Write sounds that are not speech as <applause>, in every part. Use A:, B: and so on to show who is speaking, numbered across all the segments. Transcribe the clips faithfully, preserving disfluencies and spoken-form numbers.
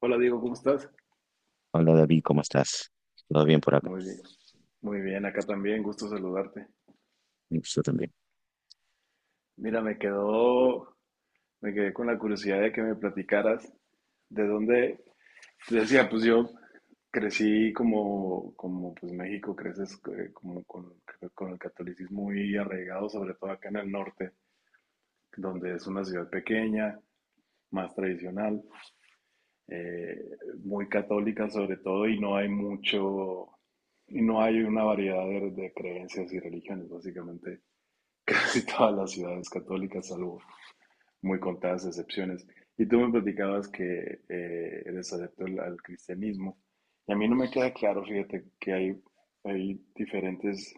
A: Hola Diego, ¿cómo estás?
B: Hola David, ¿cómo estás? ¿Todo bien por acá?
A: Muy bien, muy bien, acá también, gusto saludarte.
B: Yo también.
A: Mira, me quedó, me quedé con la curiosidad de que me platicaras de dónde, decía, pues yo crecí como, como pues México, creces eh, como con, con el catolicismo muy arraigado, sobre todo acá en el norte, donde es una ciudad pequeña, más tradicional, eh, muy católica sobre todo, y no hay mucho, y no hay una variedad de, de creencias y religiones, básicamente casi <laughs> todas las ciudades católicas, salvo muy contadas excepciones. Y tú me platicabas que eh, eres adepto al, al cristianismo. Y a mí no me queda claro, fíjate, que hay, hay diferentes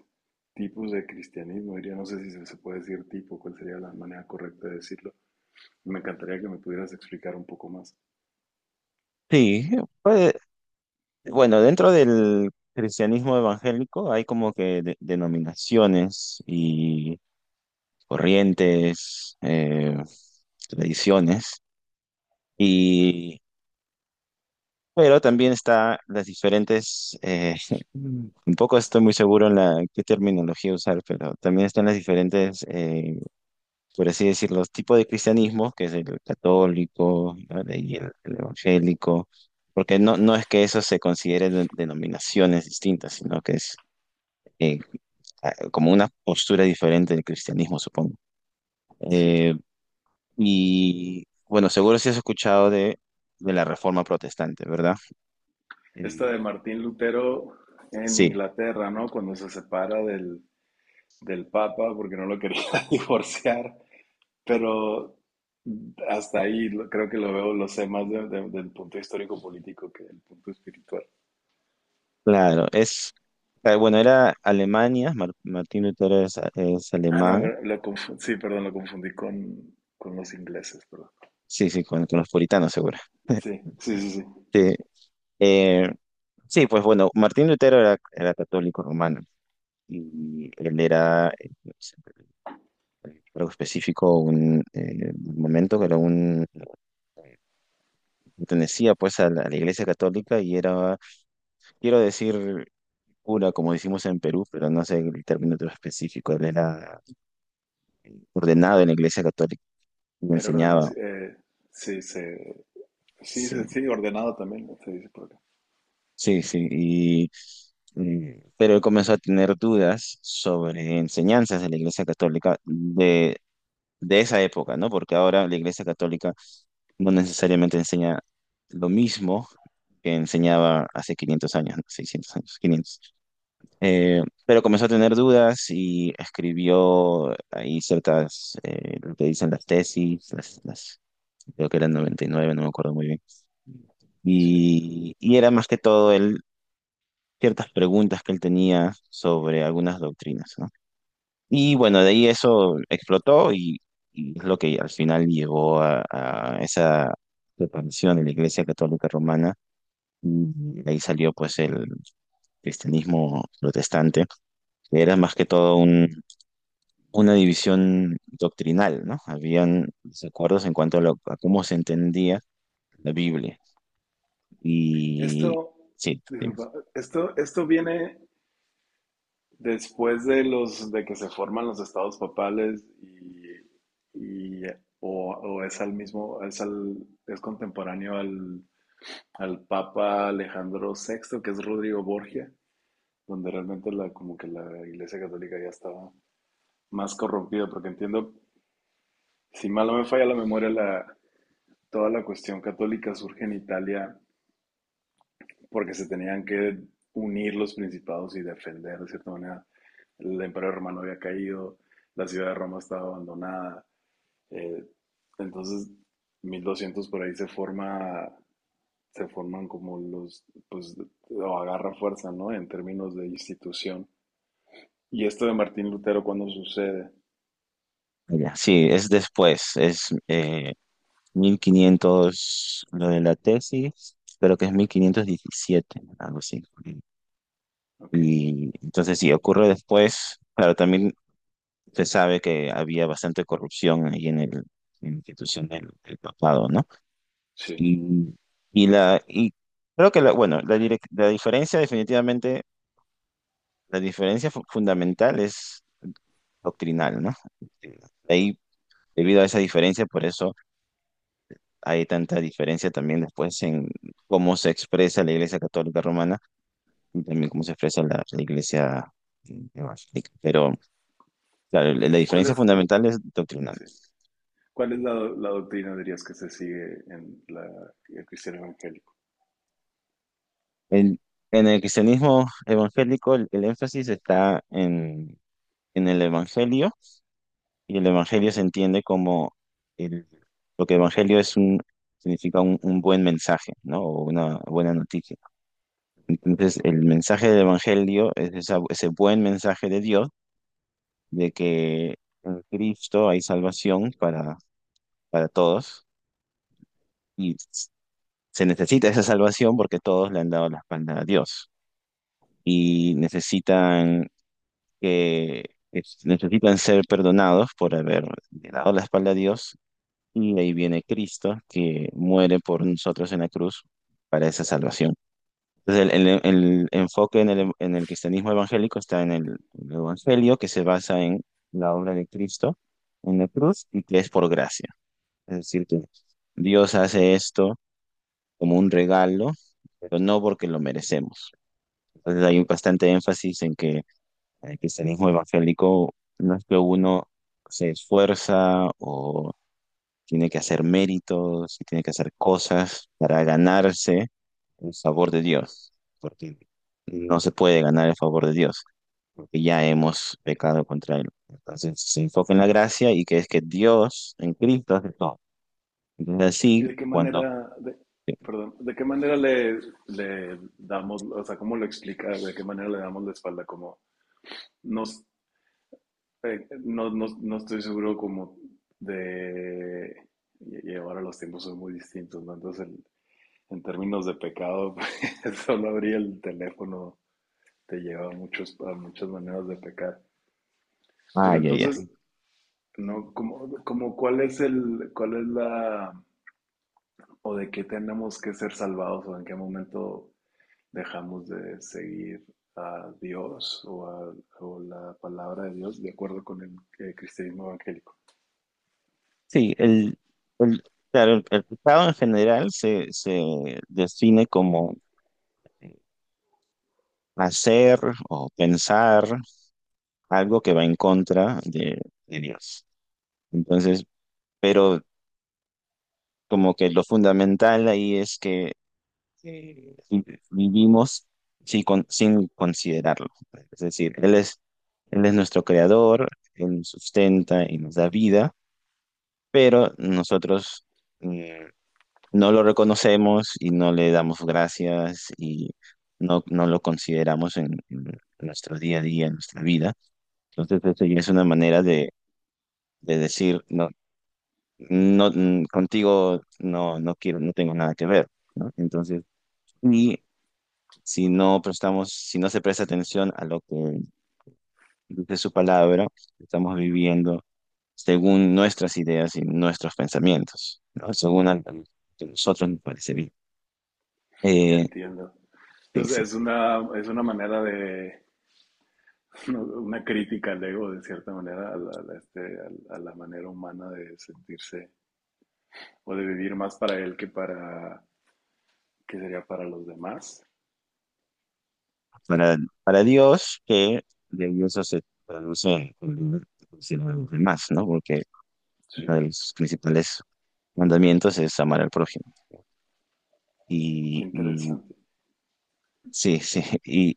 A: tipos de cristianismo. Diría, no sé si se se puede decir tipo, cuál sería la manera correcta de decirlo. Me encantaría que me pudieras explicar un poco más.
B: Sí, pues, bueno, dentro del cristianismo evangélico hay como que de- denominaciones y corrientes, eh, tradiciones, y, pero también está las diferentes, eh, <laughs> un poco estoy muy seguro en la qué terminología usar, pero también están las diferentes eh, por así decir, los tipos de cristianismos que es el católico, ¿vale? Y el, el evangélico, porque no, no es que eso se considere de- denominaciones distintas, sino que es eh, a- como una postura diferente del cristianismo, supongo.
A: Sí.
B: Eh, y bueno, seguro si has escuchado de, de la Reforma Protestante, ¿verdad?
A: Esta
B: Eh,
A: de Martín Lutero en
B: sí,
A: Inglaterra, ¿no? Cuando se separa del, del Papa porque no lo quería <laughs> divorciar. Pero hasta ahí lo- creo que lo veo, lo sé más de- de- del punto histórico político que del punto espiritual.
B: claro, es, eh, bueno, era Alemania, Mar- Martín Lutero es, es
A: Ah, no,
B: alemán,
A: me- lo confu- sí, perdón, lo confundí con, con los ingleses, perdón.
B: sí, sí, con, con los puritanos, seguro.
A: Sí, sí, sí, sí.
B: Sí, eh, sí, pues bueno, Martín Lutero era, era católico romano y él era, eh, algo específico, un eh, momento que era un, eh, pertenecía pues a la, a la Iglesia Católica y era, quiero decir, cura, como decimos en Perú, pero no sé el término todo específico, él era ordenado en la Iglesia Católica y
A: Era ordenado,
B: enseñaba,
A: sí, eh, sí, se- sí,
B: sí,
A: se- sí, ordenado también, se dice por acá.
B: sí, sí, y, y- pero él comenzó a tener dudas sobre enseñanzas de la Iglesia Católica de de esa época, ¿no? Porque ahora la Iglesia Católica no necesariamente enseña lo mismo que enseñaba hace quinientos años, ¿no? seiscientos años, quinientos. Eh, pero comenzó a tener dudas y escribió ahí ciertas, eh, lo que dicen las tesis, las, las- creo que eran noventa y nueve, no me acuerdo muy bien.
A: Sí.
B: Y, y era más que todo él, ciertas preguntas que él tenía sobre algunas doctrinas, ¿no? Y bueno, de ahí eso explotó y, y es lo que al final llegó a, a esa separación de la Iglesia Católica Romana y de ahí salió pues el cristianismo protestante, que era más que todo un- una división doctrinal, ¿no? Habían desacuerdos en cuanto a, lo- a cómo se entendía la Biblia y
A: Esto,
B: sí, dime.
A: disculpa, esto, esto viene después de los de que se forman los estados papales, y, y- o, o es al mismo, es al, es contemporáneo al, al Papa Alejandro Sexto, que es Rodrigo Borgia, donde realmente la, como que la Iglesia Católica ya estaba más corrompida, porque entiendo, si mal no me falla la memoria, la, toda la cuestión católica surge en Italia porque se tenían que unir los principados y defender de cierta manera. El imperio romano había caído, la ciudad de Roma estaba abandonada. Eh, entonces, mil doscientos por ahí se forma, se forman como los, pues, o agarra fuerza, ¿no? En términos de institución. ¿Y esto de Martín Lutero cuándo sucede?
B: Ya, sí, es después, es eh, mil quinientos lo de la tesis, creo que es mil quinientos diecisiete algo así.
A: Ok,
B: Y entonces, si ocurre después, claro, también se sabe que había bastante corrupción ahí en el, en la institución del, del papado, ¿no?
A: sí.
B: Y, y, la, y creo que, la, bueno, la, direc- la diferencia definitivamente, la diferencia fu- fundamental es doctrinal, ¿no? Este, Ahí, debido a esa diferencia, por eso hay tanta diferencia también después en cómo se expresa la Iglesia Católica Romana y también cómo se expresa la, la Iglesia, mm, Evangélica. Pero claro, la, la
A: ¿Cuál
B: diferencia
A: es,
B: fundamental es doctrinal.
A: sí. ¿Cuál es la, la doctrina, dirías, que se sigue en la, el cristiano evangélico?
B: En, en el cristianismo evangélico, el, el énfasis está en, en el Evangelio y el Evangelio se entiende como el, lo que Evangelio es un, significa un, un, buen mensaje, ¿no? O una buena noticia. Entonces, el
A: Okay.
B: mensaje del Evangelio es esa, ese buen mensaje de Dios de que en Cristo hay salvación para, para todos y s- se necesita esa salvación porque todos le han dado la espalda a Dios y necesitan que es- necesitan ser perdonados por haber dado la espalda a Dios y ahí viene Cristo que muere por nosotros en la cruz para esa salvación. Entonces el, el- el enfoque en el, en el cristianismo evangélico está en el, el evangelio, que se basa en la obra de Cristo en la cruz y que es por gracia. Es decir, que Dios hace esto como un regalo, pero no porque lo merecemos. Entonces hay un bastante énfasis en que el cristianismo evangélico no es que uno se esfuerza o tiene que hacer méritos y tiene que hacer cosas para ganarse el favor de Dios, porque no se puede ganar el favor de Dios, porque ya hemos pecado contra Él. Entonces se enfoca en la gracia y que es que Dios en Cristo hace todo. Entonces
A: ¿Y
B: así,
A: de qué
B: cuando…
A: manera, de, perdón, de qué manera le, le damos, o sea, cómo lo explicas, de qué manera le damos la espalda? Como, no, eh, no, no, no estoy seguro como de, y, y ahora los tiempos son muy distintos, ¿no? Entonces, el- en términos de pecado, <laughs> pues, solo abrir el teléfono te lleva a, muchos, a muchas maneras de pecar.
B: Ah,
A: Pero
B: ya, ya.
A: entonces, ¿no? Como, como cuál es el, cuál es la, o de qué tenemos que ser salvados, o en qué momento dejamos de seguir a Dios o, a, o la palabra de Dios de acuerdo con el, eh, cristianismo evangélico.
B: Sí, el, el, claro, el, el pecado en general se, se define como eh, hacer o pensar algo que va en contra de, de Dios. Entonces, pero como que lo fundamental ahí es que eh, vi- vivimos sin, con- sin considerarlo. Es decir, Él es, Él es nuestro creador, Él nos sustenta y nos da vida, pero nosotros… mm, no lo reconocemos y no le damos gracias y no, no lo consideramos en, en nuestro día a día, en nuestra vida. Entonces, eso ya es una manera de, de decir, no, no, mm, contigo no, no quiero, no tengo nada que ver, ¿no? Entonces, y si no prestamos, si no se presta atención a lo que dice su palabra, estamos viviendo según nuestras ideas y nuestros pensamientos, ¿no? Según algo que a nosotros nos parece bien.
A: Ya
B: Eh,
A: entiendo.
B: sí,
A: Entonces
B: sí.
A: es una, es una manera de, <laughs> ¿no? Una crítica al ego de cierta manera, a la, a este, a la manera humana de sentirse o de vivir más para él que para, que sería para los demás.
B: para, para Dios, que de ahí eso se traduce en si no a los demás, ¿no? Porque
A: Sí,
B: uno de los principales mandamientos es amar al prójimo.
A: qué
B: Y, y
A: interesante.
B: sí, <laughs> sí. Y,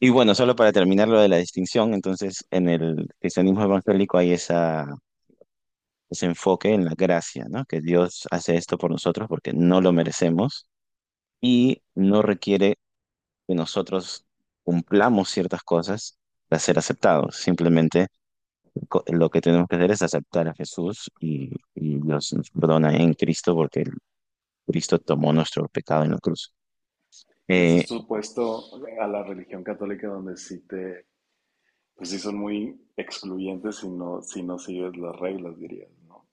B: y bueno, solo para terminar lo de la distinción, entonces en el cristianismo evangélico hay esa, ese enfoque en la gracia, ¿no? Que Dios hace esto por nosotros porque no lo merecemos y no requiere que nosotros cumplamos ciertas cosas para ser aceptados. Simplemente co- lo que tenemos que hacer es aceptar a Jesús y, y Dios nos perdona en Cristo porque el- Cristo tomó nuestro pecado en la cruz.
A: Que es
B: Eh,
A: esto opuesto a la religión católica donde sí te. Pues sí, son muy excluyentes si no, si no, sigues las reglas, dirías, ¿no?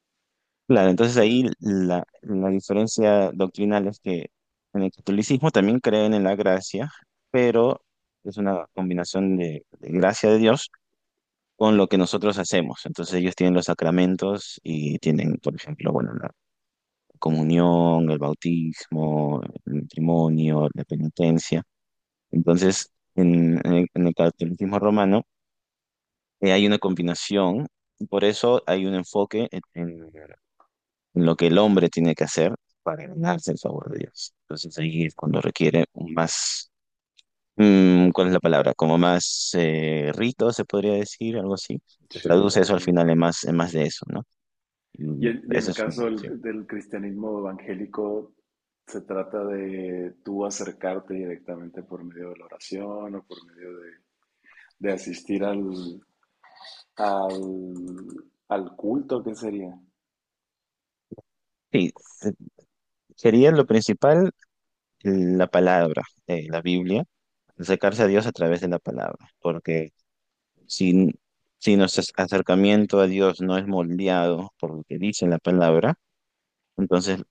B: claro, entonces
A: El-
B: ahí la, la diferencia doctrinal es que en el catolicismo también creen en la gracia, pero es una combinación de, de gracia de Dios con lo que nosotros hacemos. Entonces ellos tienen los sacramentos y tienen, por ejemplo, bueno, la comunión, el bautismo, el matrimonio, la penitencia. Entonces, en, en el, en el catolicismo romano eh, hay una combinación, y por eso hay un enfoque en, en- en lo que el hombre tiene que hacer para ganarse el favor de Dios. Entonces ahí es cuando requiere un más, mm, ¿cuál es la palabra? Como más eh, rito, se podría decir, algo así. Se
A: sí,
B: traduce eso al
A: sí.
B: final en más, en más de eso, ¿no?
A: Y,
B: Y
A: en- y en
B: eso
A: el
B: es una
A: caso
B: opción.
A: del, del cristianismo evangélico, se trata de tú acercarte directamente por medio de la oración o por medio de, de asistir al, al, al culto, ¿qué sería?
B: Sí, eh, sería lo principal, la palabra, eh, la Biblia, acercarse a Dios a través de la palabra, porque si, si nuestro acercamiento a Dios no es moldeado por lo que dice la palabra, entonces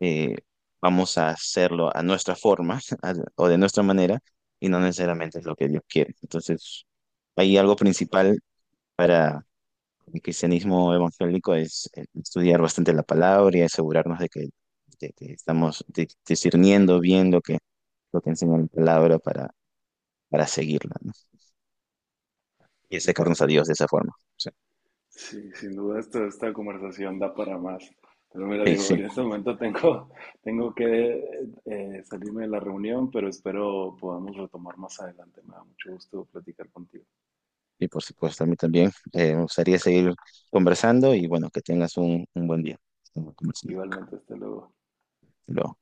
B: eh, vamos a hacerlo a nuestra forma <laughs> a- o de nuestra manera y no necesariamente es lo que Dios quiere. Entonces, hay algo principal para el cristianismo evangélico es eh, estudiar bastante la palabra y asegurarnos de que, de que estamos di- discerniendo bien lo que, lo que enseña la palabra para, para seguirla, ¿no? Y
A: Qué
B: acercarnos a Dios
A: interesante.
B: de esa forma. O sea,
A: Sí, sin duda esto- esta conversación da para más. Pero mira,
B: sí,
A: digo, en
B: sí.
A: este momento tengo, <laughs> tengo que eh, salirme de la reunión, pero espero podamos retomar más adelante. Me da mucho gusto platicar contigo.
B: Y por supuesto, a mí también. Eh, me gustaría seguir conversando y bueno, que tengas un, un buen día. Estamos conversando.
A: Igualmente, hasta luego.
B: Hasta luego.